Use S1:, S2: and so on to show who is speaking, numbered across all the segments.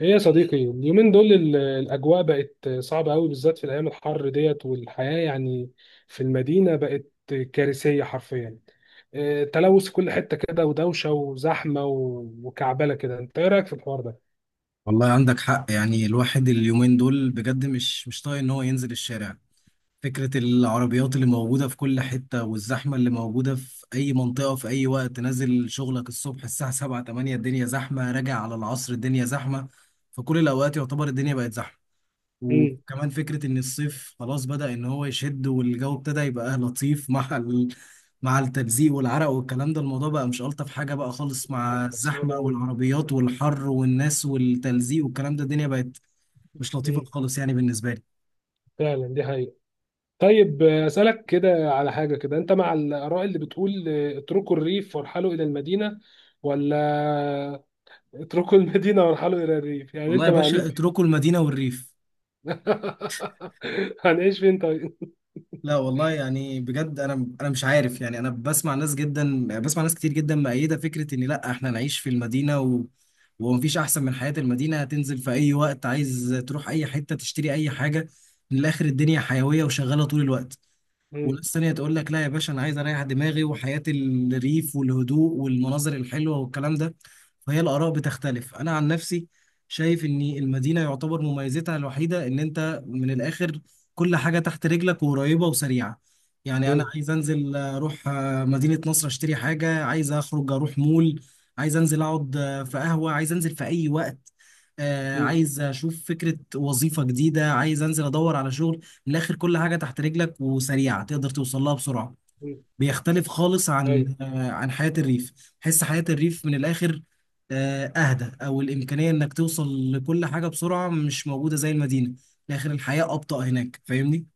S1: ايه يا صديقي، اليومين دول الاجواء بقت صعبه قوي، بالذات في الايام الحر ديت، والحياه يعني في المدينه بقت كارثيه حرفيا. إيه، تلوث في كل حته كده، ودوشه، وزحمه، وكعبله كده. انت ايه رايك في الحوار ده؟
S2: والله عندك حق. يعني الواحد اليومين دول بجد مش طايق ان هو ينزل الشارع. فكرة العربيات اللي موجودة في كل حتة والزحمة اللي موجودة في أي منطقة في أي وقت، نازل شغلك الصبح الساعة 7 8 الدنيا زحمة، راجع على العصر الدنيا زحمة. فكل الأوقات يعتبر الدنيا بقت زحمة.
S1: امم.
S2: وكمان فكرة إن الصيف خلاص بدأ إن هو يشد والجو ابتدى يبقى لطيف مع التلزيق والعرق والكلام ده، الموضوع بقى مش ألطف حاجة بقى خالص. مع
S1: صعب
S2: الزحمة
S1: قوي.
S2: والعربيات والحر والناس والتلزيق والكلام ده الدنيا بقت مش لطيفة
S1: امم.
S2: خالص يعني بالنسبة لي.
S1: فعلا دي حقيقه. طيب، اسالك كده على حاجه كده. انت مع الاراء اللي بتقول اتركوا الريف وارحلوا الى المدينه، ولا اتركوا المدينه وارحلوا الى الريف؟ يعني
S2: والله
S1: انت
S2: يا
S1: مع مين؟
S2: باشا اتركوا المدينة والريف.
S1: هنعيش فين طيب؟
S2: لا والله، يعني بجد انا مش عارف، يعني انا بسمع ناس جدا، بسمع ناس كتير جدا مؤيده فكره ان لا احنا نعيش في المدينه ومفيش احسن من حياه المدينه. هتنزل في اي وقت عايز تروح اي حته تشتري اي حاجه، من الاخر الدنيا حيويه وشغاله طول الوقت.
S1: مم.
S2: وناس تانية تقول لك لا يا باشا، انا عايز اريح دماغي وحياة الريف والهدوء والمناظر الحلوة والكلام ده. فهي الآراء بتختلف. انا عن نفسي شايف ان المدينة يعتبر مميزتها الوحيدة ان انت من الاخر كل حاجة تحت رجلك وقريبة وسريعة. يعني انا
S1: مم.
S2: عايز انزل اروح مدينة نصر اشتري حاجة، عايز اخرج اروح مول، عايز انزل اقعد في قهوة، عايز انزل في اي وقت
S1: مم.
S2: عايز اشوف فكرة وظيفة جديدة، عايز انزل ادور على شغل. من الاخر كل حاجه تحت رجلك وسريعه تقدر توصل لها بسرعه.
S1: مم.
S2: بيختلف خالص
S1: ايوه.
S2: عن عن حياه الريف. حس حياه الريف من الاخر اهدى، او الامكانيه انك توصل لكل حاجه بسرعه مش موجوده زي المدينه. من الاخر الحياه ابطا هناك، فاهمني؟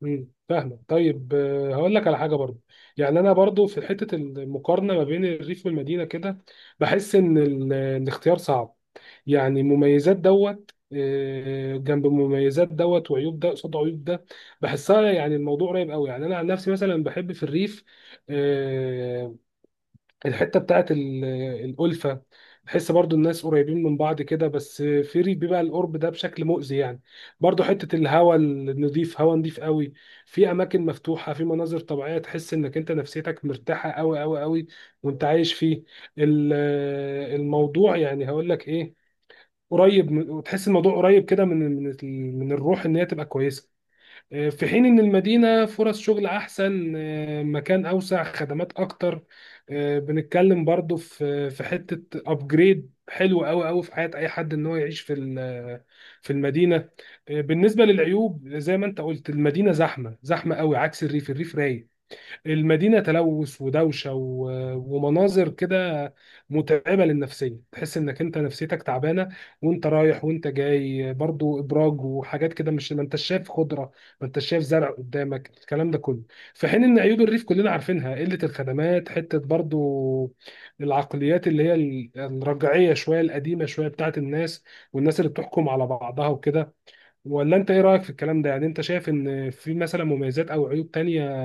S1: مم. فاهمك. طيب، هقول لك على حاجه برضو. يعني انا برضو في حته المقارنه ما بين الريف والمدينه كده، بحس ان الاختيار صعب. يعني مميزات دوت جنب مميزات دوت، وعيوب ده قصاد عيوب ده. بحسها، يعني الموضوع قريب قوي. يعني انا عن نفسي مثلا بحب في الريف. آه، الحته بتاعت الالفه. بحس برضو الناس قريبين من بعض كده، بس في ريف بيبقى القرب ده بشكل مؤذي يعني. برضو حته الهواء النظيف، هواء نظيف قوي، في اماكن مفتوحه، في مناظر طبيعيه، تحس انك انت نفسيتك مرتاحه قوي قوي قوي وانت عايش فيه. ال- الموضوع يعني هقول لك ايه، قريب وتحس الموضوع قريب كده من من الروح ان هي تبقى كويسه. في حين إن المدينة فرص شغل أحسن، مكان أوسع، خدمات أكتر. بنتكلم برضو في حتة أبجريد حلو أوي أوي في حياة أي حد إن هو يعيش في في المدينة. بالنسبة للعيوب، زي ما أنت قلت، المدينة زحمة زحمة أوي، عكس الريف. الريف رايق. المدينة تلوث ودوشة ومناظر كده متعبة للنفسية، تحس انك انت نفسيتك تعبانة وانت رايح وانت جاي. برضو ابراج وحاجات كده، مش ما انت شايف خضرة، ما انت شايف زرع قدامك، الكلام ده كله. في حين ان عيوب الريف كلنا عارفينها: قلة الخدمات، حتة برضو العقليات اللي هي الرجعية شوية، القديمة شوية، بتاعت الناس، والناس اللي بتحكم على بعضها وكده. ولا انت ايه رأيك في الكلام ده؟ يعني انت شايف ان في مثلا مميزات او عيوب تانية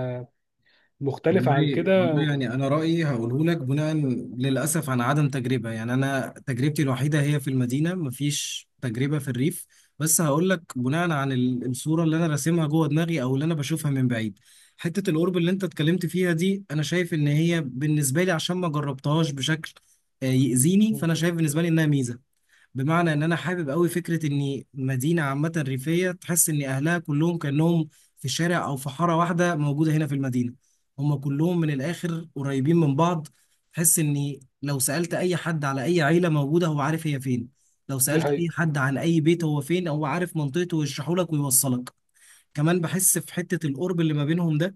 S1: مختلفة عن
S2: والله
S1: كده؟
S2: والله يعني انا رايي هقوله لك بناء للاسف عن عدم تجربه. يعني انا تجربتي الوحيده هي في المدينه، مفيش تجربه في الريف. بس هقول لك بناء عن الصوره اللي انا راسمها جوه دماغي او اللي انا بشوفها من بعيد. حته القرب اللي انت اتكلمت فيها دي انا شايف ان هي بالنسبه لي، عشان ما جربتهاش بشكل يأذيني، فانا شايف بالنسبه لي انها ميزه. بمعنى ان انا حابب قوي فكره ان مدينه عامه ريفيه تحس ان اهلها كلهم كانهم في شارع او في حاره واحده موجوده هنا في المدينه. هم كلهم من الاخر قريبين من بعض. تحس ان لو سالت اي حد على اي عيله موجوده هو عارف هي فين، لو
S1: دي
S2: سالت اي
S1: حقيقة.
S2: حد عن اي بيت هو فين هو عارف منطقته ويشرحه لك ويوصلك. كمان بحس في حتة القرب اللي ما بينهم ده،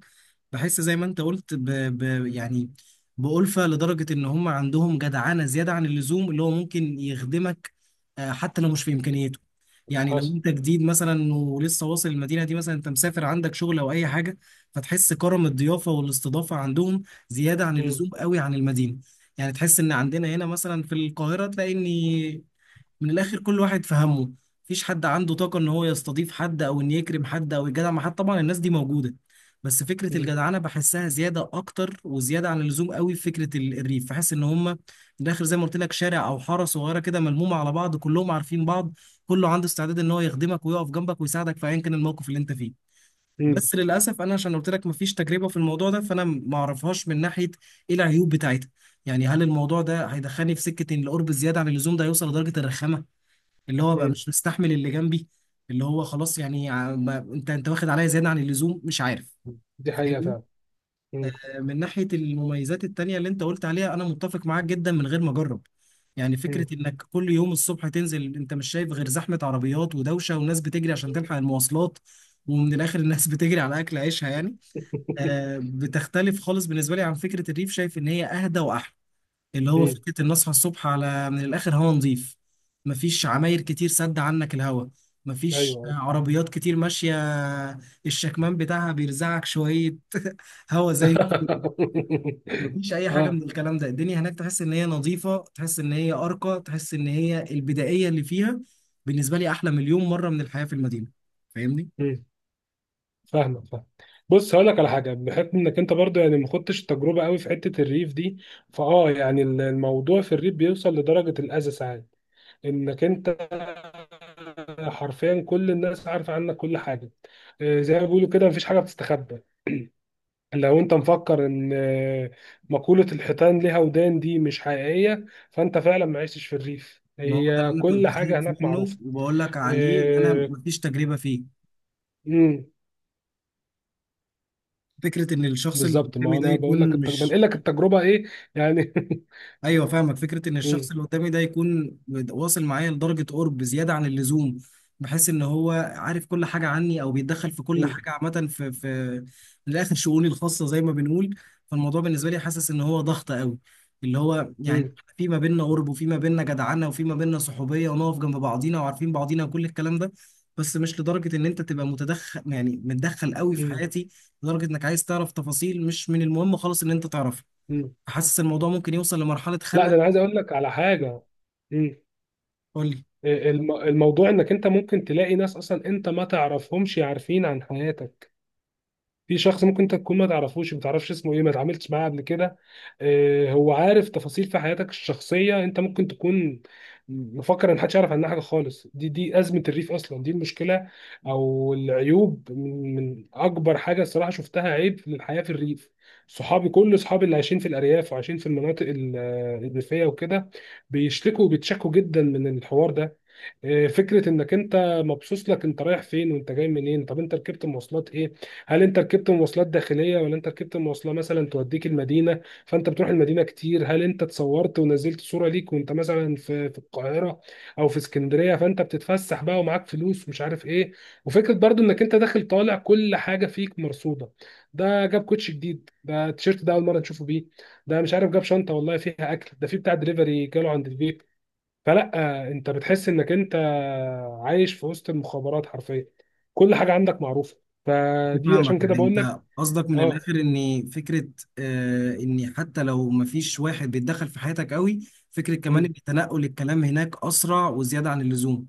S2: بحس زي ما انت قلت يعني بألفة، لدرجة ان هم عندهم جدعنة زيادة عن اللزوم، اللي هو ممكن يخدمك حتى لو مش في امكانياته. يعني لو
S1: حصل.
S2: انت جديد مثلا ولسه واصل المدينة دي، مثلا انت مسافر عندك شغل او اي حاجة، فتحس كرم الضيافة والاستضافة عندهم زيادة عن
S1: مم.
S2: اللزوم قوي عن المدينة. يعني تحس ان عندنا هنا مثلا في القاهرة تلاقي ان من الاخر كل واحد في همه، مفيش حد عنده طاقه ان هو يستضيف حد او ان يكرم حد او يجدع مع حد. طبعا الناس دي موجوده، بس فكره
S1: مم.
S2: الجدعنه بحسها زياده اكتر وزياده عن اللزوم قوي في فكره الريف. بحس ان هم من الاخر زي ما قلت لك شارع او حاره صغيره كده ملمومه على بعض كلهم عارفين بعض، كله عنده استعداد ان هو يخدمك ويقف جنبك ويساعدك في ايا كان الموقف اللي انت فيه.
S1: مم.
S2: بس للاسف انا عشان قلت لك مفيش تجربه في الموضوع ده، فانا ما اعرفهاش من ناحيه ايه العيوب بتاعتها. يعني هل الموضوع ده هيدخلني في سكه ان القرب الزياده عن اللزوم ده هيوصل لدرجه الرخامه، اللي هو بقى
S1: مم.
S2: مش مستحمل اللي جنبي، اللي هو خلاص يعني انت واخد عليا زياده عن اللزوم، مش عارف،
S1: دي حقيقة
S2: فاهمني؟
S1: فعلا. مم.
S2: من ناحيه المميزات التانيه اللي انت قلت عليها انا متفق معاك جدا من غير ما اجرب. يعني فكره
S1: مم.
S2: انك كل يوم الصبح تنزل انت مش شايف غير زحمه عربيات ودوشه وناس بتجري عشان تلحق المواصلات، ومن الاخر الناس بتجري على اكل عيشها يعني. بتختلف خالص بالنسبه لي عن فكره الريف، شايف ان هي اهدى واحلى. اللي هو
S1: مم.
S2: فكرة إن أصحى الصبح على من الآخر هوا نظيف، مفيش عماير كتير سد عنك الهوا، مفيش
S1: أيوه.
S2: عربيات كتير ماشية الشكمان بتاعها بيرزعك شوية هوا زي مفيش أي حاجة
S1: آه.
S2: من الكلام ده. الدنيا هناك تحس إن هي نظيفة، تحس إن هي أرقى، تحس إن هي البدائية اللي فيها بالنسبة لي أحلى مليون مرة من الحياة في المدينة. فاهمني؟
S1: مم. فاهمك، فاهم. بص، هقول لك على حاجة بحكم إنك أنت برضو يعني ما خدتش تجربة قوي في حتة الريف دي. يعني الموضوع في الريف بيوصل لدرجة الأذى ساعات، إنك أنت حرفيا كل الناس عارفة عنك كل حاجة. زي ما بيقولوا كده، مفيش حاجة بتستخبى. لو انت مفكر ان مقولة الحيتان ليها ودان دي مش حقيقية، فانت فعلا ما عشتش في الريف.
S2: إن هو ده
S1: هي
S2: اللي أنا
S1: كل
S2: كنت خايف
S1: حاجة هناك
S2: منه
S1: معروفة.
S2: وبقول لك عليه إن أنا
S1: آه.
S2: مفيش تجربة فيه.
S1: امم.
S2: فكرة إن الشخص اللي
S1: بالظبط،
S2: قدامي
S1: ما
S2: ده
S1: انا بقول لك
S2: يكون مش...
S1: بنقل لك التجربة ايه يعني.
S2: ايوه فاهمك، فكره ان الشخص
S1: مم.
S2: اللي قدامي ده يكون واصل معايا لدرجه قرب زياده عن اللزوم، بحس ان هو عارف كل حاجه عني او بيتدخل في كل
S1: مم.
S2: حاجه عامه في من الاخر شؤوني الخاصه زي ما بنقول. فالموضوع بالنسبه لي حاسس ان هو ضغط قوي، اللي هو يعني
S1: مم.
S2: في ما بيننا قرب وفي ما بيننا جدعنه وفي ما بيننا صحوبيه ونقف جنب بعضينا وعارفين بعضينا وكل الكلام ده، بس مش لدرجه ان انت تبقى متدخل يعني متدخل قوي في
S1: مم.
S2: حياتي، لدرجه انك عايز تعرف تفاصيل مش من المهم خالص ان انت تعرفها.
S1: مم.
S2: حاسس الموضوع ممكن يوصل لمرحلة
S1: لا، ده
S2: خنقة.
S1: انا عايز اقول لك على حاجة. مم.
S2: قول لي.
S1: الموضوع انك انت ممكن تلاقي ناس اصلا انت ما تعرفهمش عارفين عن حياتك. في شخص ممكن انت تكون ما تعرفش اسمه ايه، ما اتعاملتش معاه قبل كده. هو عارف تفاصيل في حياتك الشخصيه، انت ممكن تكون مفكر ان محدش يعرف عنها حاجه خالص. دي ازمه الريف اصلا، دي المشكله. او العيوب، من اكبر حاجه الصراحه شفتها عيب في الحياه في الريف. كل اصحابي اللي عايشين في الارياف، وعايشين في المناطق الريفيه وكده، بيشتكوا وبيتشكوا جدا من الحوار ده. فكره انك انت مبسوط لك انت رايح فين وانت جاي منين. طب انت ركبت مواصلات ايه؟ هل انت ركبت مواصلات داخليه، ولا انت ركبت مواصله مثلا توديك المدينه؟ فانت بتروح المدينه كتير. هل انت اتصورت ونزلت صوره ليك وانت مثلا في القاهره او في اسكندريه؟ فانت بتتفسح بقى، ومعاك فلوس ومش عارف ايه. وفكره برضو انك انت داخل طالع، كل حاجه فيك مرصوده. ده جاب كوتش جديد، ده التيشيرت ده اول مره نشوفه بيه، ده مش عارف جاب شنطه والله فيها اكل، ده في بتاع دليفري جاله عند البيت. فلا، انت بتحس انك انت عايش في وسط المخابرات حرفيا. كل حاجه عندك معروفه. فدي
S2: فاهمك،
S1: عشان كده
S2: يعني
S1: بقول لك.
S2: انت قصدك من
S1: اه.
S2: الاخر ان فكره آه ان حتى لو مفيش واحد بيتدخل في حياتك قوي، فكره كمان
S1: امم.
S2: ان تنقل الكلام هناك اسرع وزياده عن اللزوم،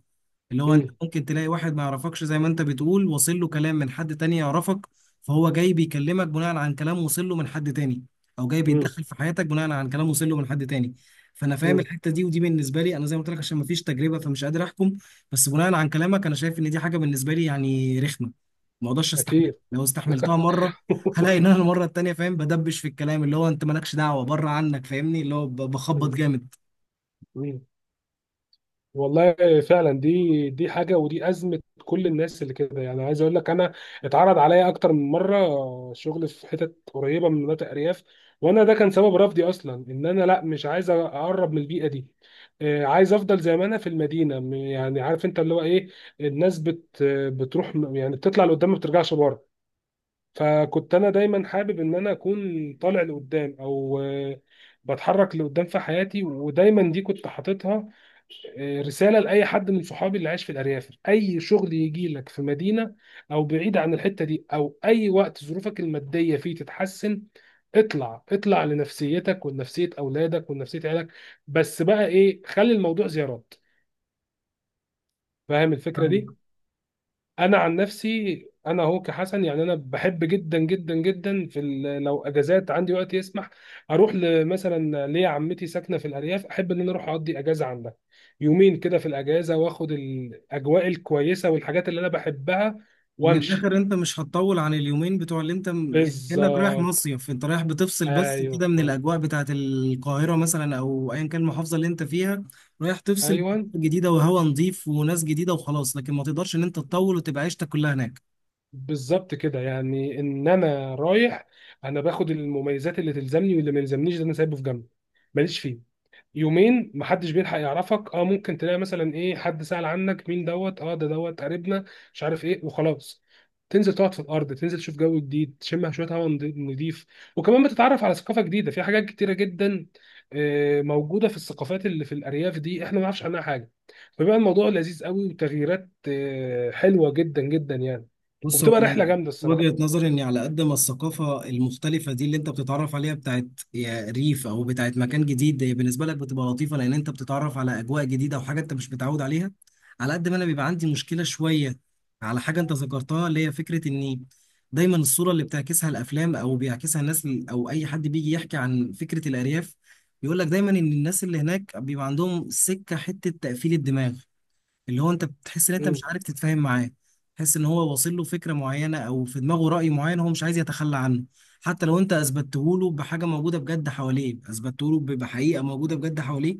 S2: اللي هو انت
S1: امم.
S2: ممكن تلاقي واحد ما يعرفكش زي ما انت بتقول وصل له كلام من حد تاني يعرفك، فهو جاي بيكلمك بناء عن كلام وصل له من حد تاني، او جاي
S1: امم.
S2: بيتدخل في حياتك بناء عن كلام وصل له من حد تاني. فانا فاهم
S1: امم.
S2: الحته دي، ودي بالنسبه لي انا زي ما قلت لك عشان مفيش تجربه فمش قادر احكم، بس بناء عن كلامك انا شايف ان دي حاجه بالنسبه لي يعني رخمه ما اقدرش استحملها.
S1: اكيد.
S2: لو استحملتها مره هلاقي ان انا المره التانيه فاهم بدبش في الكلام، اللي هو انت مالكش دعوه بره عنك، فاهمني؟ اللي هو بخبط جامد.
S1: مم. والله. فعلا، دي حاجه، ودي ازمه كل الناس اللي كده. يعني عايز اقول لك انا اتعرض عليا اكتر من مره شغل في حتت قريبه من مناطق ارياف، وانا ده كان سبب رفضي اصلا، ان انا لا، مش عايز اقرب من البيئه دي. عايز افضل زي ما انا في المدينه، يعني عارف انت اللي هو ايه. الناس بتروح، يعني بتطلع لقدام، ما بترجعش بره. فكنت انا دايما حابب ان انا اكون طالع لقدام، او بتحرك لقدام في حياتي. ودايما دي كنت حاططها رساله لاي حد من صحابي اللي عايش في الارياف: اي شغل يجي لك في مدينه، او بعيد عن الحته دي، او اي وقت ظروفك الماديه فيه تتحسن، اطلع، اطلع لنفسيتك ولنفسيه اولادك ولنفسيه عيالك. بس بقى ايه، خلي الموضوع زيارات. فاهم الفكره
S2: فاهم؟
S1: دي؟ انا عن نفسي، انا هو كحسن يعني، انا بحب جدا جدا جدا في لو اجازات عندي وقت يسمح، اروح مثلا ليا عمتي ساكنه في الارياف، احب ان انا اروح اقضي اجازه عندها يومين كده في الاجازه، واخد الاجواء الكويسه والحاجات اللي انا بحبها
S2: من
S1: وامشي.
S2: الاخر انت مش هتطول عن اليومين بتوع اللي انت يعني كانك رايح
S1: بالظبط.
S2: مصيف، انت رايح بتفصل بس
S1: ايوه.
S2: كده من الاجواء بتاعت القاهره مثلا او ايا كان المحافظه اللي انت فيها. رايح تفصل
S1: ايوه،
S2: بأجواء جديده وهواء نظيف وناس جديده وخلاص، لكن ما تقدرش ان انت تطول وتبقى عيشتك كلها هناك.
S1: بالظبط كده. يعني ان انا رايح، انا باخد المميزات اللي تلزمني، واللي ما يلزمنيش ده انا سايبه في جنب، ماليش فيه. يومين محدش بيلحق يعرفك، اه، ممكن تلاقي مثلا ايه، حد سأل عنك مين دوت، اه ده دوت قريبنا، مش عارف ايه، وخلاص. تنزل تقعد في الارض، تنزل تشوف جو جديد، تشم شويه هواء نضيف. وكمان بتتعرف على ثقافه جديده، في حاجات كتيره جدا موجوده في الثقافات اللي في الارياف دي، احنا ما نعرفش عنها حاجه. فبيبقى الموضوع لذيذ قوي، وتغييرات حلوه جدا جدا يعني،
S2: بص، هو
S1: وبتبقى
S2: انا
S1: رحله جامده الصراحه.
S2: وجهة نظري اني على قد ما الثقافة المختلفة دي اللي انت بتتعرف عليها بتاعت يا ريف او بتاعت مكان جديد هي بالنسبة لك بتبقى لطيفة لان انت بتتعرف على اجواء جديدة وحاجة انت مش متعود عليها، على قد ما انا بيبقى عندي مشكلة شوية على حاجة انت ذكرتها اللي هي فكرة اني دايما الصورة اللي بتعكسها الافلام او بيعكسها الناس او اي حد بيجي يحكي عن فكرة الارياف، بيقول لك دايما ان الناس اللي هناك بيبقى عندهم سكة حتة تقفيل الدماغ، اللي هو انت بتحس ان انت
S1: امم.
S2: مش عارف تتفاهم معاه. تحس ان هو واصل له فكره معينه او في دماغه راي معين هو مش عايز يتخلى عنه، حتى لو انت اثبته له بحاجه موجوده بجد حواليه، اثبته له بحقيقه موجوده بجد حواليه،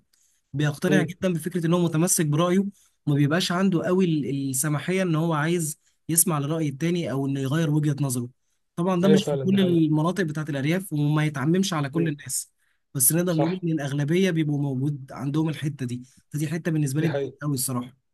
S2: بيقتنع
S1: امم.
S2: جدا بفكره ان هو متمسك برايه. وما بيبقاش عنده قوي السماحيه ان هو عايز يسمع لراي التاني او انه يغير وجهه نظره. طبعا ده
S1: ايوه،
S2: مش في
S1: فعلا دي
S2: كل
S1: حقيقه.
S2: المناطق بتاعت الارياف وما يتعممش على كل
S1: امم.
S2: الناس، بس نقدر نقول
S1: صح.
S2: ان الاغلبيه بيبقوا موجود عندهم الحته دي. فدي حته بالنسبه لي
S1: دي
S2: ضايقت
S1: حقيقه.
S2: قوي الصراحه.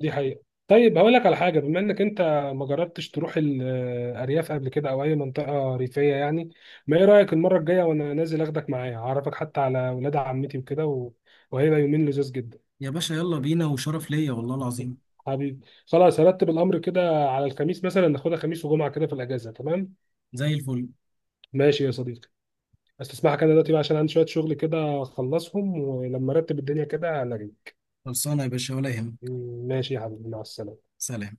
S1: دي حقيقة. طيب، هقول لك على حاجة. بما انك انت ما جربتش تروح الارياف قبل كده او اي منطقة ريفية يعني، ما ايه رأيك المرة الجاية وانا نازل اخدك معايا، اعرفك حتى على ولاد عمتي وكده وهيبقى يومين لذيذ جدا.
S2: يا باشا يلا بينا، وشرف ليا والله العظيم.
S1: حبيبي، خلاص، هرتب الامر كده على الخميس مثلا، ناخدها خميس وجمعة كده في الاجازة، تمام.
S2: زي الفل.
S1: ماشي يا صديقي. استسمحك انا دلوقتي بقى، عشان عندي شوية شغل كده اخلصهم، ولما ارتب الدنيا كده هلاقيك.
S2: خلصانة يا باشا ولا يهمك.
S1: ماشي يا حبيبي، مع السلامة.
S2: سلام.